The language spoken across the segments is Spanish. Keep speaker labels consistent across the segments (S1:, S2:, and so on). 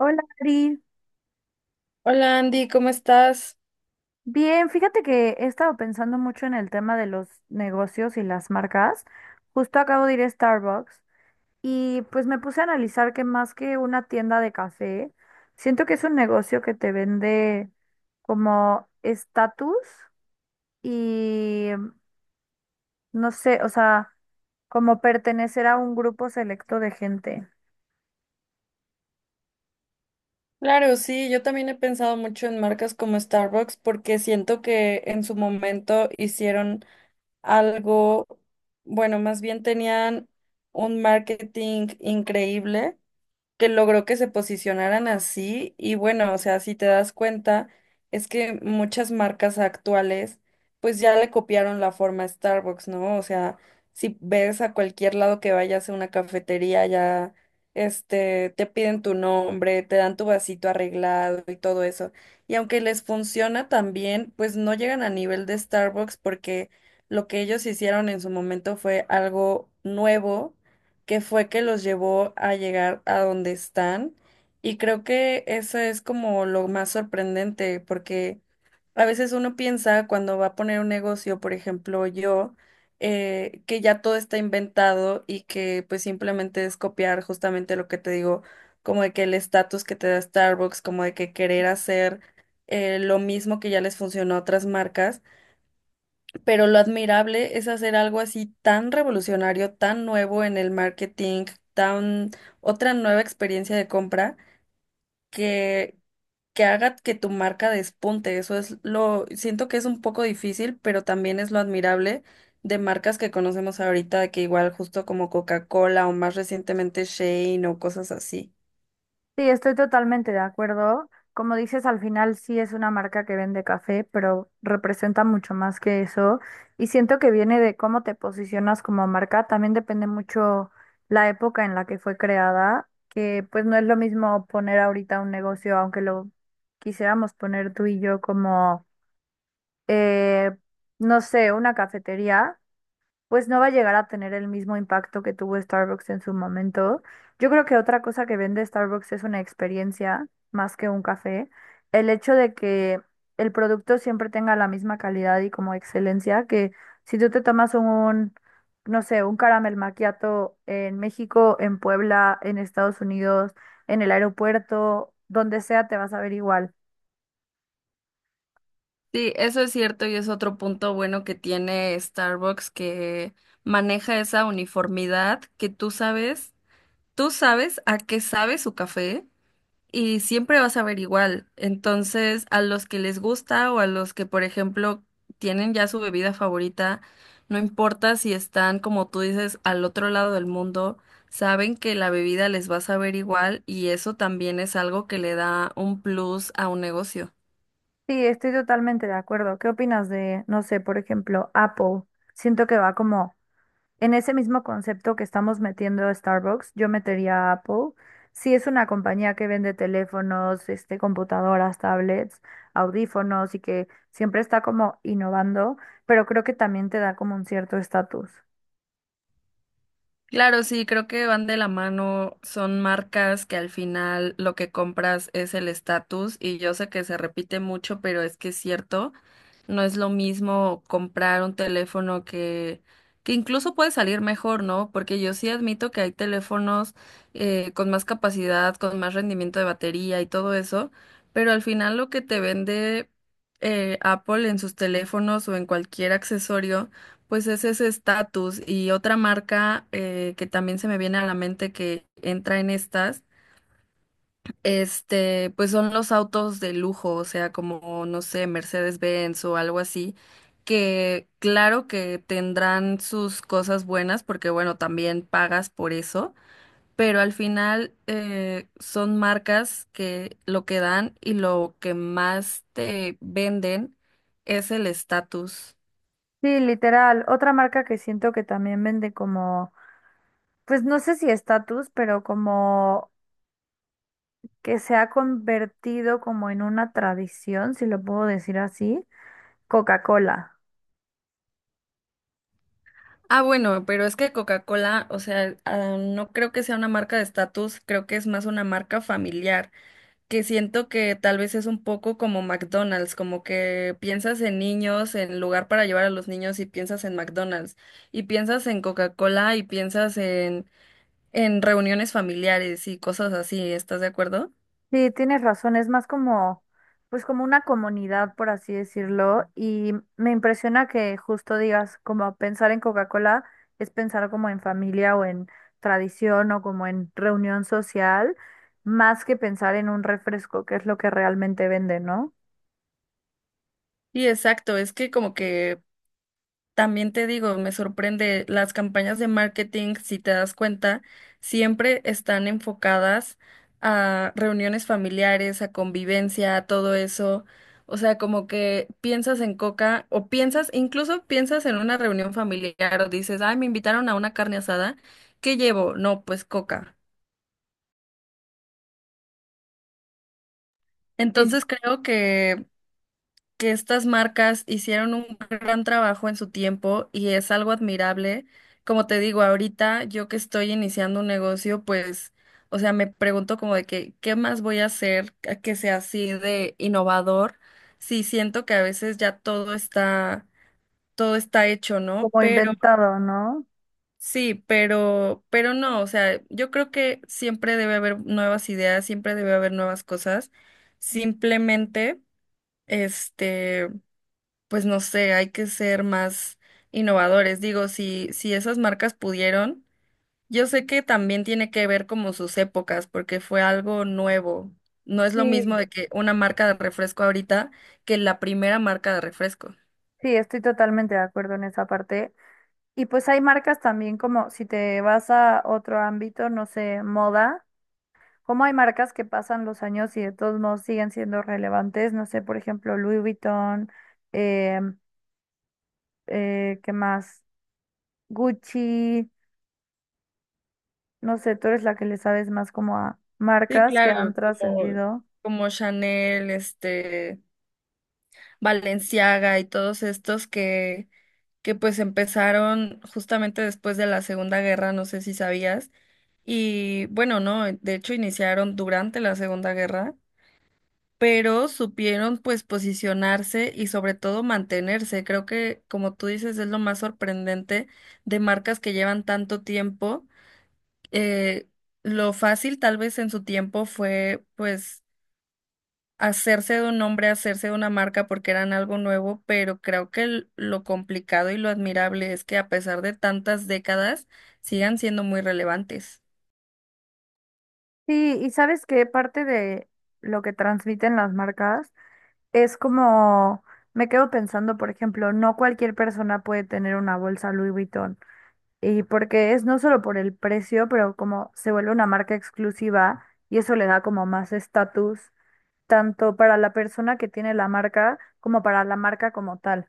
S1: Hola, Ari.
S2: Hola Andy, ¿cómo estás?
S1: Bien, fíjate que he estado pensando mucho en el tema de los negocios y las marcas. Justo acabo de ir a Starbucks y pues me puse a analizar que más que una tienda de café, siento que es un negocio que te vende como estatus y no sé, o sea, como pertenecer a un grupo selecto de gente.
S2: Claro, sí, yo también he pensado mucho en marcas como Starbucks porque siento que en su momento hicieron algo, bueno, más bien tenían un marketing increíble que logró que se posicionaran así y bueno, o sea, si te das cuenta, es que muchas marcas actuales pues ya le copiaron la forma a Starbucks, ¿no? O sea, si ves a cualquier lado que vayas a una cafetería ya te piden tu nombre, te dan tu vasito arreglado y todo eso. Y aunque les funciona también, pues no llegan a nivel de Starbucks porque lo que ellos hicieron en su momento fue algo nuevo que fue que los llevó a llegar a donde están. Y creo que eso es como lo más sorprendente, porque a veces uno piensa cuando va a poner un negocio, por ejemplo, yo, que ya todo está inventado y que pues simplemente es copiar justamente lo que te digo, como de que el estatus que te da Starbucks, como de que querer hacer lo mismo que ya les funcionó a otras marcas. Pero lo admirable es hacer algo así tan revolucionario, tan nuevo en el marketing, tan otra nueva experiencia de compra que haga que tu marca despunte. Eso es lo, siento que es un poco difícil, pero también es lo admirable de marcas que conocemos ahorita, que igual justo como Coca-Cola o más recientemente Shane o cosas así.
S1: Sí, estoy totalmente de acuerdo. Como dices, al final sí es una marca que vende café, pero representa mucho más que eso. Y siento que viene de cómo te posicionas como marca. También depende mucho la época en la que fue creada, que pues no es lo mismo poner ahorita un negocio, aunque lo quisiéramos poner tú y yo como, eh, no sé, una cafetería pues no va a llegar a tener el mismo impacto que tuvo Starbucks en su momento. Yo creo que otra cosa que vende Starbucks es una experiencia más que un café. El hecho de que el producto siempre tenga la misma calidad y como excelencia, que si tú te tomas un, no sé, un caramel macchiato en México, en Puebla, en Estados Unidos, en el aeropuerto, donde sea, te vas a ver igual.
S2: Sí, eso es cierto y es otro punto bueno que tiene Starbucks que maneja esa uniformidad que tú sabes. Tú sabes a qué sabe su café y siempre vas a ver igual. Entonces, a los que les gusta o a los que, por ejemplo, tienen ya su bebida favorita, no importa si están, como tú dices, al otro lado del mundo, saben que la bebida les va a saber igual y eso también es algo que le da un plus a un negocio.
S1: Sí, estoy totalmente de acuerdo. ¿Qué opinas de, no sé, por ejemplo, Apple? Siento que va como en ese mismo concepto que estamos metiendo Starbucks, yo metería a Apple. Sí es una compañía que vende teléfonos, este, computadoras, tablets, audífonos y que siempre está como innovando, pero creo que también te da como un cierto estatus.
S2: Claro, sí, creo que van de la mano, son marcas que al final lo que compras es el estatus y yo sé que se repite mucho, pero es que es cierto, no es lo mismo comprar un teléfono que incluso puede salir mejor, ¿no? Porque yo sí admito que hay teléfonos con más capacidad, con más rendimiento de batería y todo eso, pero al final lo que te vende Apple en sus teléfonos o en cualquier accesorio pues es ese estatus y otra marca que también se me viene a la mente que entra en estas, pues son los autos de lujo, o sea, como, no sé, Mercedes-Benz o algo así, que claro que tendrán sus cosas buenas porque, bueno, también pagas por eso, pero al final son marcas que lo que dan y lo que más te venden es el estatus.
S1: Sí, literal. Otra marca que siento que también vende como, pues no sé si estatus, pero como que se ha convertido como en una tradición, si lo puedo decir así, Coca-Cola.
S2: Ah, bueno, pero es que Coca-Cola, o sea, ah, no creo que sea una marca de estatus, creo que es más una marca familiar, que siento que tal vez es un poco como McDonald's, como que piensas en niños, en lugar para llevar a los niños y piensas en McDonald's, y piensas en Coca-Cola y piensas en reuniones familiares y cosas así, ¿estás de acuerdo?
S1: Sí, tienes razón, es más como, pues como una comunidad, por así decirlo, y me impresiona que justo digas, como pensar en Coca-Cola es pensar como en familia o en tradición o como en reunión social, más que pensar en un refresco, que es lo que realmente vende, ¿no?
S2: Y exacto, es que como que también te digo, me sorprende, las campañas de marketing, si te das cuenta, siempre están enfocadas a reuniones familiares, a convivencia, a todo eso. O sea, como que piensas en Coca o piensas, incluso piensas en una reunión familiar o dices, ay, me invitaron a una carne asada, ¿qué llevo? No, pues Coca.
S1: Sí, sí,
S2: Entonces creo que estas marcas hicieron un gran trabajo en su tiempo y es algo admirable. Como te digo, ahorita yo que estoy iniciando un negocio, pues, o sea, me pregunto como de que, ¿qué más voy a hacer a que sea así de innovador? Sí, siento que a veces ya todo está hecho, ¿no?
S1: como
S2: Pero
S1: inventado, ¿no?
S2: sí, pero no, o sea, yo creo que siempre debe haber nuevas ideas, siempre debe haber nuevas cosas. Simplemente, este pues no sé, hay que ser más innovadores. Digo, si esas marcas pudieron, yo sé que también tiene que ver como sus épocas, porque fue algo nuevo. No es lo mismo
S1: Sí,
S2: de que una marca de refresco ahorita que la primera marca de refresco.
S1: sí, estoy totalmente de acuerdo en esa parte. Y pues hay marcas también como, si te vas a otro ámbito, no sé, moda. Como hay marcas que pasan los años y de todos modos siguen siendo relevantes, no sé, por ejemplo, Louis Vuitton, eh, ¿qué más? Gucci, no sé, tú eres la que le sabes más como a
S2: Sí,
S1: marcas que han
S2: claro, como,
S1: trascendido.
S2: como Chanel, Balenciaga y todos estos que pues empezaron justamente después de la Segunda Guerra, no sé si sabías. Y bueno, no, de hecho iniciaron durante la Segunda Guerra, pero supieron pues posicionarse y sobre todo mantenerse. Creo que, como tú dices, es lo más sorprendente de marcas que llevan tanto tiempo. Eh, lo fácil tal vez en su tiempo fue pues hacerse de un nombre, hacerse de una marca porque eran algo nuevo, pero creo que lo complicado y lo admirable es que a pesar de tantas décadas sigan siendo muy relevantes.
S1: Sí, y sabes que parte de lo que transmiten las marcas es como, me quedo pensando, por ejemplo, no cualquier persona puede tener una bolsa Louis Vuitton. Y porque es no solo por el precio, pero como se vuelve una marca exclusiva y eso le da como más estatus, tanto para la persona que tiene la marca como para la marca como tal.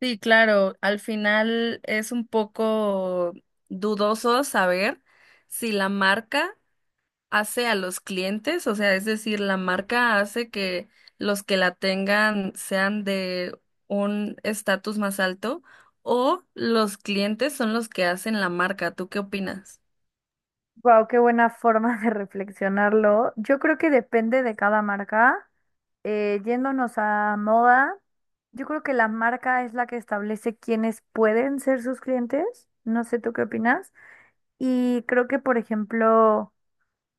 S2: Sí, claro, al final es un poco dudoso saber si la marca hace a los clientes, o sea, es decir, la marca hace que los que la tengan sean de un estatus más alto o los clientes son los que hacen la marca. ¿Tú qué opinas?
S1: Wow, qué buena forma de reflexionarlo. Yo creo que depende de cada marca. Yéndonos a moda, yo creo que la marca es la que establece quiénes pueden ser sus clientes. No sé tú qué opinas. Y creo que, por ejemplo,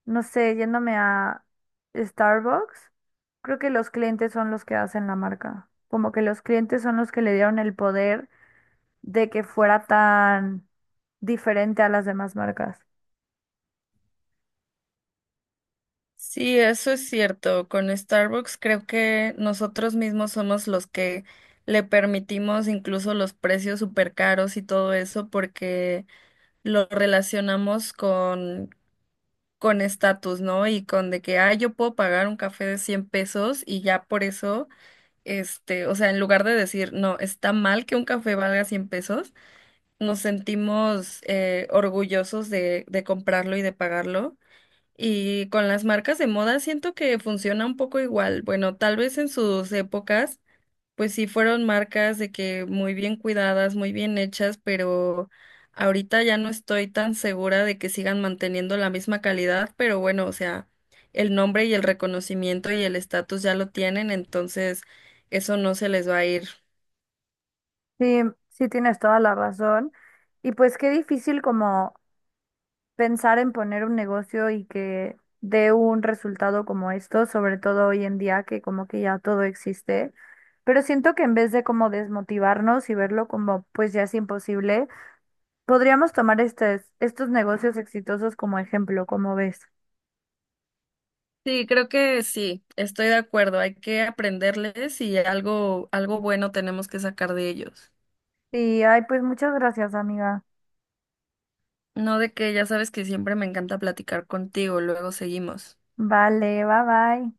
S1: no sé, yéndome a Starbucks, creo que los clientes son los que hacen la marca. Como que los clientes son los que le dieron el poder de que fuera tan diferente a las demás marcas.
S2: Sí, eso es cierto. Con Starbucks creo que nosotros mismos somos los que le permitimos incluso los precios súper caros y todo eso porque lo relacionamos con estatus, ¿no? Y con de que, ah, yo puedo pagar un café de 100 pesos y ya por eso, o sea, en lugar de decir, no, está mal que un café valga 100 pesos, nos sentimos orgullosos de comprarlo y de pagarlo. Y con las marcas de moda siento que funciona un poco igual. Bueno, tal vez en sus épocas pues sí, fueron marcas de que muy bien cuidadas, muy bien hechas, pero ahorita ya no estoy tan segura de que sigan manteniendo la misma calidad, pero bueno, o sea, el nombre y el reconocimiento y el estatus ya lo tienen, entonces eso no se les va a ir.
S1: Sí, sí tienes toda la razón. Y pues qué difícil como pensar en poner un negocio y que dé un resultado como esto, sobre todo hoy en día que como que ya todo existe. Pero siento que en vez de como desmotivarnos y verlo como pues ya es imposible, podríamos tomar estos negocios exitosos como ejemplo, como ves.
S2: Sí, creo que sí, estoy de acuerdo, hay que aprenderles y algo bueno tenemos que sacar de ellos.
S1: Sí, ay, pues muchas gracias, amiga.
S2: No de que ya sabes que siempre me encanta platicar contigo, luego seguimos.
S1: Vale, bye bye.